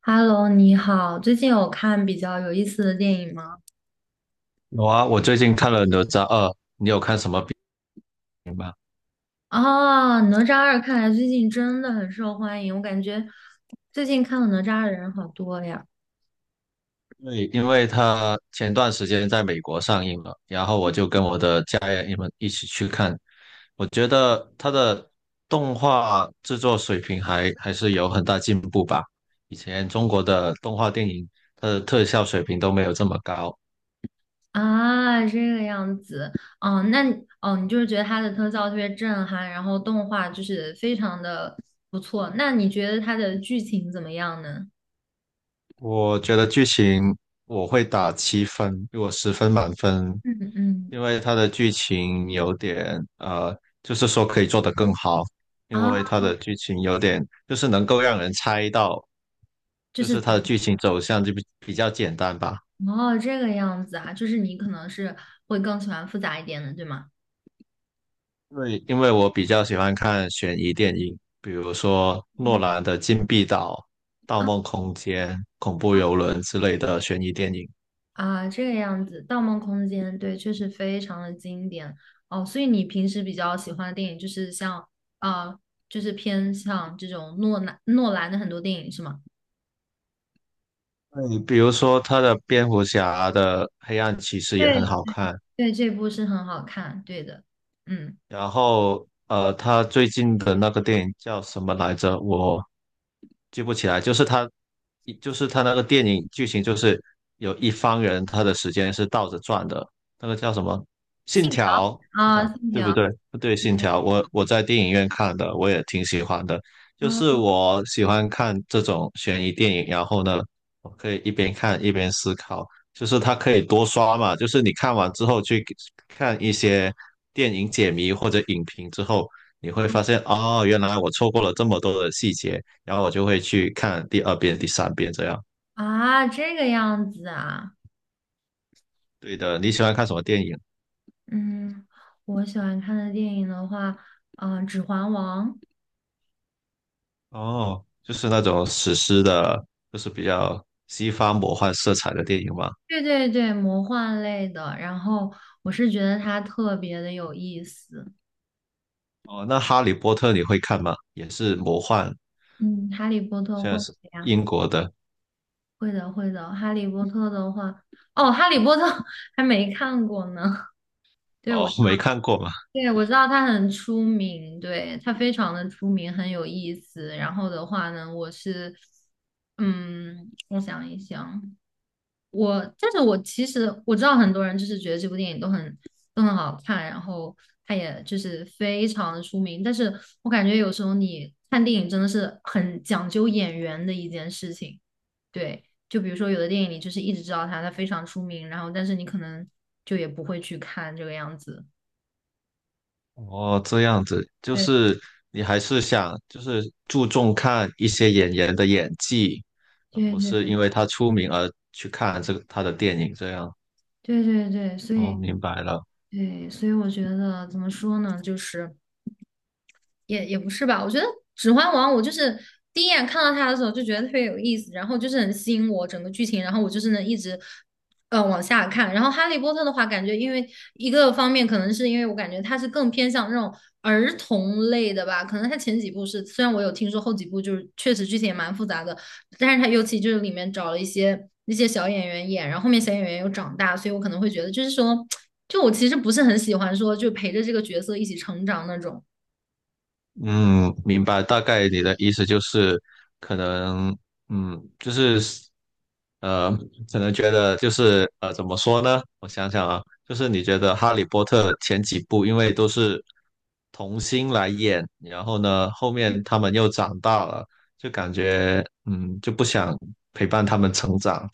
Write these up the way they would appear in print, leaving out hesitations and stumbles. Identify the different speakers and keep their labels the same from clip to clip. Speaker 1: Hello，你好，最近有看比较有意思的电影吗？
Speaker 2: 有啊，我最近看了《哪吒二》，
Speaker 1: 哦，《哪吒二》看来最近真的很受欢迎，我感觉最近看了《哪吒》的人好多呀。
Speaker 2: 对，因为它前段时间在美国上映了，然后我就跟我的家人们一起去看。我觉得它的动画制作水平还是有很大进步吧。以前中国的动画电影，它的特效水平都没有这么高，
Speaker 1: 啊，这个样子，哦，那你哦，你就是觉得它的特效特别震撼，然后动画就是非常的不错。那你觉得它的剧情怎么样呢？
Speaker 2: 我觉得剧情我会打7分，我10分满分，
Speaker 1: 嗯嗯，
Speaker 2: 因为它的剧情有点就是说可以做得更好，因
Speaker 1: 啊，
Speaker 2: 为它的剧情有点就是能够让人猜到，
Speaker 1: 就
Speaker 2: 就是
Speaker 1: 是
Speaker 2: 它的剧情走向就比较简单吧。
Speaker 1: 哦，这个样子啊，就是你可能是会更喜欢复杂一点的，对吗？
Speaker 2: 因为我比较喜欢看悬疑电影，比如说诺
Speaker 1: 嗯。
Speaker 2: 兰的《禁闭岛》《盗梦空间》《恐怖游轮》之类的悬疑电影。
Speaker 1: 啊，这个样子，《盗梦空间》对，确实非常的经典哦。所以你平时比较喜欢的电影就是像啊、就是偏向这种诺兰的很多电影是吗？
Speaker 2: 对，比如说他的蝙蝠侠的黑暗骑士也
Speaker 1: 对，
Speaker 2: 很好看，
Speaker 1: 对，这部是很好看，对的，嗯，
Speaker 2: 然后他最近的那个电影叫什么来着？我记不起来，就是他，一就是他那个电影剧情就是有一方人他的时间是倒着转的，那个叫什么？
Speaker 1: 信
Speaker 2: 信
Speaker 1: 条
Speaker 2: 条，信
Speaker 1: 啊，
Speaker 2: 条，
Speaker 1: 信
Speaker 2: 对不
Speaker 1: 条
Speaker 2: 对？对，信条，我在电影院看的，我也挺喜欢的。就是
Speaker 1: 啊，
Speaker 2: 我喜欢看这种悬疑电影，然后呢，我可以一边看一边思考，就是它可以多刷嘛，就是你看完之后去看一些电影解谜或者影评之后，你会发现哦，原来我错过了这么多的细节。然后我就会去看第二遍、第三遍这样。
Speaker 1: 啊，这个样子啊，
Speaker 2: 对的，你喜欢看什么电影？
Speaker 1: 嗯，我喜欢看的电影的话，啊、指环王》，
Speaker 2: 哦，就是那种史诗的，就是比较西方魔幻色彩的电影嘛。
Speaker 1: 对对对，魔幻类的，然后我是觉得它特别的有意思。
Speaker 2: 哦，那《哈利波特》你会看吗？也是魔幻，
Speaker 1: 嗯，哈利波特
Speaker 2: 现
Speaker 1: 会
Speaker 2: 在
Speaker 1: 的
Speaker 2: 是
Speaker 1: 呀，
Speaker 2: 英国的。
Speaker 1: 会的会的。哈利波特的话，哦，哈利波特 还没看过呢。对，
Speaker 2: 哦，
Speaker 1: 我知
Speaker 2: 没
Speaker 1: 道
Speaker 2: 看过嘛。
Speaker 1: 对我知道它很出名，对，它非常的出名，很有意思。然后的话呢，我是，嗯，我想一想，但是我其实知道很多人就是觉得这部电影都很好看，然后他也就是非常的出名。但是我感觉有时候你看电影真的是很讲究演员的一件事情。对，就比如说有的电影你就是一直知道他，他非常出名，然后但是你可能就也不会去看这个样子。
Speaker 2: 哦，这样子，就
Speaker 1: 对
Speaker 2: 是你还是想就是注重看一些演员的演技，而
Speaker 1: 对
Speaker 2: 不
Speaker 1: 对
Speaker 2: 是因为他出名而去看这个他的电影这样。
Speaker 1: 对对对，所
Speaker 2: 哦，
Speaker 1: 以
Speaker 2: 明白了。
Speaker 1: 对，所以我觉得怎么说呢，就是。也不是吧，我觉得《指环王》，我就是第一眼看到它的时候就觉得特别有意思，然后就是很吸引我整个剧情，然后我就是能一直往下看。然后《哈利波特》的话，感觉因为一个方面可能是因为我感觉它是更偏向那种儿童类的吧，可能它前几部是，虽然我有听说后几部就是确实剧情也蛮复杂的，但是它尤其就是里面找了一些那些小演员演，然后后面小演员又长大，所以我可能会觉得就是说，就我其实不是很喜欢说就陪着这个角色一起成长那种。
Speaker 2: 嗯，明白，大概你的意思就是，可能，嗯，就是，呃，可能觉得就是，怎么说呢？我想想啊，就是你觉得《哈利波特》前几部因为都是童星来演，然后呢，后面他们又长大了，就感觉，嗯，就不想陪伴他们成长。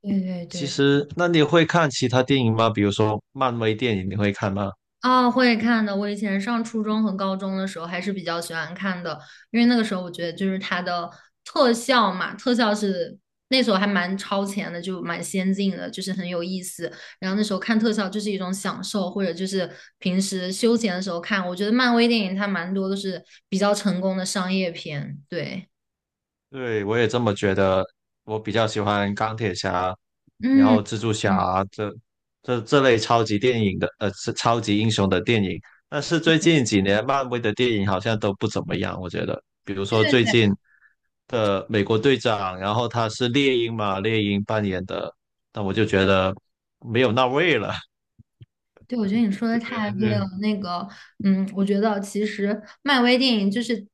Speaker 1: 对
Speaker 2: 其
Speaker 1: 对对，
Speaker 2: 实，那你会看其他电影吗？比如说漫威电影，你会看吗？
Speaker 1: 哦，会看的。我以前上初中和高中的时候还是比较喜欢看的，因为那个时候我觉得就是它的特效嘛，特效是那时候还蛮超前的，就蛮先进的，就是很有意思。然后那时候看特效就是一种享受，或者就是平时休闲的时候看。我觉得漫威电影它蛮多都是比较成功的商业片，对，
Speaker 2: 对，我也这么觉得。我比较喜欢钢铁侠，然
Speaker 1: 嗯。
Speaker 2: 后蜘蛛
Speaker 1: 嗯
Speaker 2: 侠这类超级电影的，是超级英雄的电影。但是最近几年漫威的电影好像都不怎么样，我觉得。比如说
Speaker 1: 对
Speaker 2: 最近的美国队长，然后他是猎鹰嘛，猎鹰扮演的，但我就觉得没有那味了。
Speaker 1: 对，我觉得你说的太对了。那个，嗯，我觉得其实漫威电影就是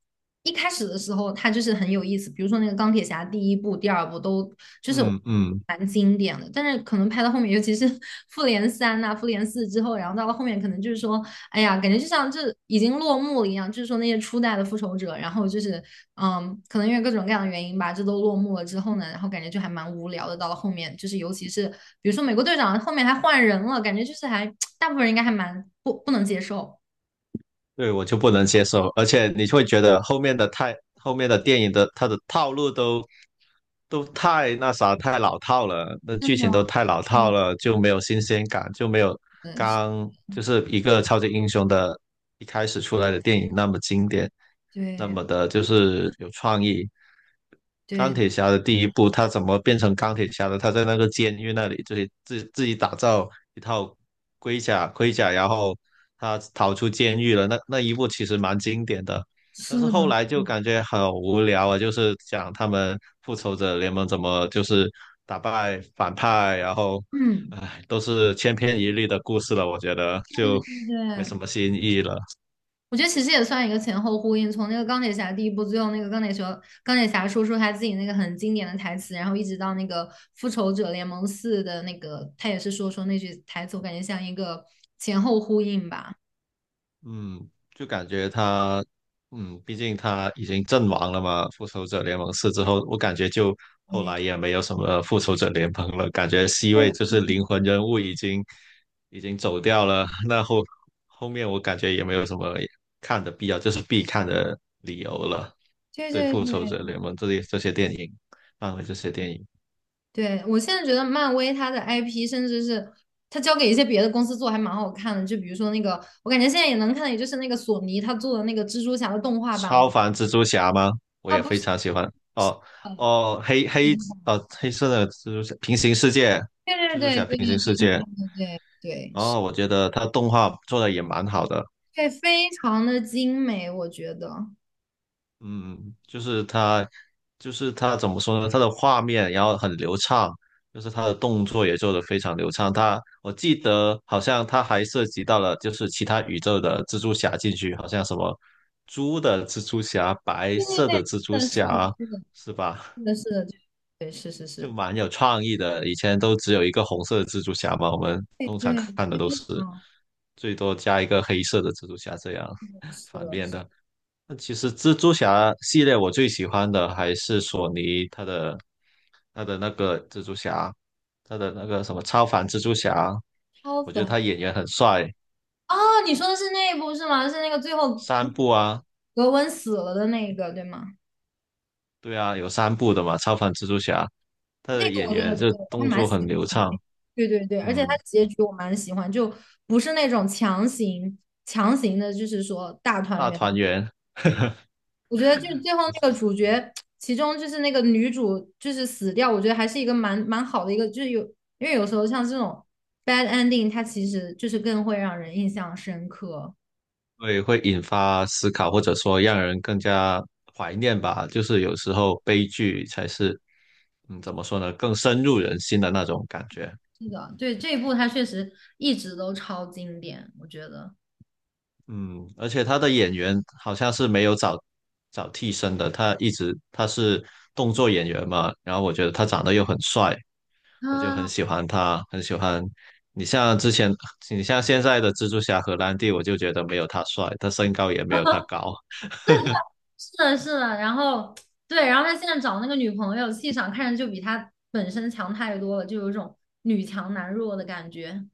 Speaker 1: 一开始的时候，它就是很有意思。比如说那个钢铁侠第一部、第二部都就是
Speaker 2: 嗯嗯。
Speaker 1: 蛮经典的，但是可能拍到后面，尤其是 复联三呐、复联四之后，然后到了后面，可能就是说哎呀，感觉就像这已经落幕了一样，就是说那些初代的复仇者，然后就是，嗯，可能因为各种各样的原因吧，这都落幕了之后呢，然后感觉就还蛮无聊的。到了后面，就是尤其是比如说美国队长后面还换人了，感觉就是还 大部分人应该还蛮不能接受。
Speaker 2: 对，我就不能接受，而且你会觉得后面的太后面的电影的它的套路都太那啥太老套了，那
Speaker 1: 是
Speaker 2: 剧
Speaker 1: 的，
Speaker 2: 情都太老套
Speaker 1: 嗯，
Speaker 2: 了，就没有新鲜感，就没有
Speaker 1: 嗯，
Speaker 2: 刚就是一个超级英雄的一开始出来的电影那么经典。那
Speaker 1: 对
Speaker 2: 么的，就是有创意。钢
Speaker 1: 对，
Speaker 2: 铁侠的第一部，他怎么变成钢铁侠的？他在那个监狱那里，就是自己打造一套盔甲，盔甲，然后他逃出监狱了。那一部其实蛮经典的，但
Speaker 1: 是
Speaker 2: 是后
Speaker 1: 的，
Speaker 2: 来就感觉很无聊啊，就是讲他们复仇者联盟怎么就是打败反派，然后，
Speaker 1: 嗯，
Speaker 2: 唉，都是千篇一律的故事了，我觉得
Speaker 1: 对
Speaker 2: 就没什
Speaker 1: 对。
Speaker 2: 么新意了。
Speaker 1: 我觉得其实也算一个前后呼应，从那个钢铁侠第一部，最后那个钢铁侠说出他自己那个很经典的台词，然后一直到那个复仇者联盟四的那个，他也是说出那句台词，我感觉像一个前后呼应吧。
Speaker 2: 嗯，就感觉他，嗯，毕竟他已经阵亡了嘛，《复仇者联盟四》之后，我感觉就后
Speaker 1: 对，
Speaker 2: 来也没有什么《复仇者联盟》了，感觉 C 位
Speaker 1: 对
Speaker 2: 就是灵魂人物已经走掉了，那后面我感觉也没有什么看的必要，就是必看的理由了。
Speaker 1: 对
Speaker 2: 对
Speaker 1: 对
Speaker 2: 《复仇
Speaker 1: 对，
Speaker 2: 者联盟》这些电影，漫威这些电影，
Speaker 1: 对，我现在觉得漫威它的 IP，甚至是它交给一些别的公司做，还蛮好看的。就比如说那个，我感觉现在也能看的，也就是那个索尼他做的那个蜘蛛侠的动画版，我
Speaker 2: 超凡蜘蛛侠吗？我
Speaker 1: 啊
Speaker 2: 也
Speaker 1: 不
Speaker 2: 非
Speaker 1: 是，
Speaker 2: 常喜欢。哦
Speaker 1: 呃，
Speaker 2: 哦，黑色的蜘蛛侠平行世界
Speaker 1: 对对对对对
Speaker 2: 平行世
Speaker 1: 对
Speaker 2: 界》哦，
Speaker 1: 对对对，
Speaker 2: 然
Speaker 1: 是
Speaker 2: 后我觉得它动画做的也蛮好的，
Speaker 1: 对，非常的精美，我觉得。
Speaker 2: 嗯，就是它，就是它怎么说呢？它的画面然后很流畅，就是它的动作也做得非常流畅。它我记得好像它还涉及到了就是其他宇宙的蜘蛛侠进去，好像什么猪的蜘蛛侠、白
Speaker 1: 对
Speaker 2: 色的
Speaker 1: 对
Speaker 2: 蜘蛛
Speaker 1: 对，是的，
Speaker 2: 侠，
Speaker 1: 是的，
Speaker 2: 是吧？
Speaker 1: 是的，是的，是的，对，是是
Speaker 2: 就
Speaker 1: 是，
Speaker 2: 蛮有创意的。以前都只有一个红色的蜘蛛侠嘛，我们
Speaker 1: 对
Speaker 2: 通常
Speaker 1: 对，
Speaker 2: 看的
Speaker 1: 非
Speaker 2: 都是
Speaker 1: 常
Speaker 2: 最多加一个黑色的蜘蛛侠这样
Speaker 1: 是
Speaker 2: 反
Speaker 1: 的，
Speaker 2: 面
Speaker 1: 是
Speaker 2: 的。那其实蜘蛛侠系列我最喜欢的还是索尼他的他的那个蜘蛛侠，他的那个什么超凡蜘蛛侠，
Speaker 1: 超
Speaker 2: 我觉得
Speaker 1: 凡。
Speaker 2: 他演员很帅。
Speaker 1: 哦，你说的是那一部是吗？是那个最后那
Speaker 2: 三
Speaker 1: 个
Speaker 2: 部啊，
Speaker 1: 格温死了的那一个，对吗？
Speaker 2: 对啊，有三部的嘛，超凡蜘蛛侠，他
Speaker 1: 那
Speaker 2: 的
Speaker 1: 个我
Speaker 2: 演
Speaker 1: 觉得
Speaker 2: 员就
Speaker 1: 对，我还
Speaker 2: 动
Speaker 1: 蛮
Speaker 2: 作
Speaker 1: 喜
Speaker 2: 很
Speaker 1: 欢。
Speaker 2: 流畅，
Speaker 1: 对对对，而且它
Speaker 2: 嗯，
Speaker 1: 结局我蛮喜欢，就不是那种强行的，就是说大团
Speaker 2: 大
Speaker 1: 圆。
Speaker 2: 团圆。
Speaker 1: 我觉得就是最后那个主角，其中就是那个女主就是死掉，我觉得还是一个蛮好的一个，就是有因为有时候像这种 bad ending，它其实就是更会让人印象深刻。
Speaker 2: 会会引发思考，或者说让人更加怀念吧。就是有时候悲剧才是，嗯，怎么说呢，更深入人心的那种感觉。
Speaker 1: 是的，对这一部它确实一直都超经典，我觉得。
Speaker 2: 嗯，而且他的演员好像是没有找找替身的，他一直他是动作演员嘛，然后我觉得他长得又很帅，我就很
Speaker 1: 啊，
Speaker 2: 喜欢他，很喜欢。你像之前，你像现在的蜘蛛侠荷兰弟，我就觉得没有他帅，他身高也没有他高。
Speaker 1: 是的，是的。然后对，然后他现在找那个女朋友，气场看着就比他本身强太多了，就有一种女强男弱的感觉。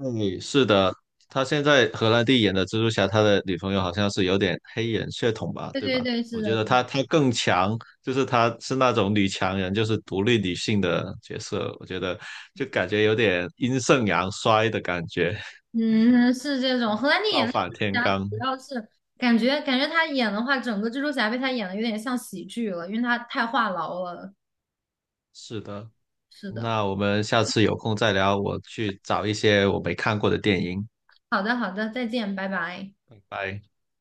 Speaker 2: 对，是的，他现在荷兰弟演的蜘蛛侠，他的女朋友好像是有点黑人血统吧，
Speaker 1: 对
Speaker 2: 对
Speaker 1: 对
Speaker 2: 吧？
Speaker 1: 对，是
Speaker 2: 我觉
Speaker 1: 的。
Speaker 2: 得他更强，就是他是那种女强人，就是独立女性的角色，我觉得就感觉有点阴盛阳衰的感觉，
Speaker 1: 嗯，是这种。荷兰弟演
Speaker 2: 倒
Speaker 1: 的蜘
Speaker 2: 反
Speaker 1: 蛛
Speaker 2: 天
Speaker 1: 侠，
Speaker 2: 罡。
Speaker 1: 主要是感觉他演的话，整个蜘蛛侠被他演的有点像喜剧了，因为他太话痨了。
Speaker 2: 是的，
Speaker 1: 是的，
Speaker 2: 那我们下次有空再聊，我去找一些我没看过的电影，
Speaker 1: 好的好的，再见，拜拜。
Speaker 2: 拜拜。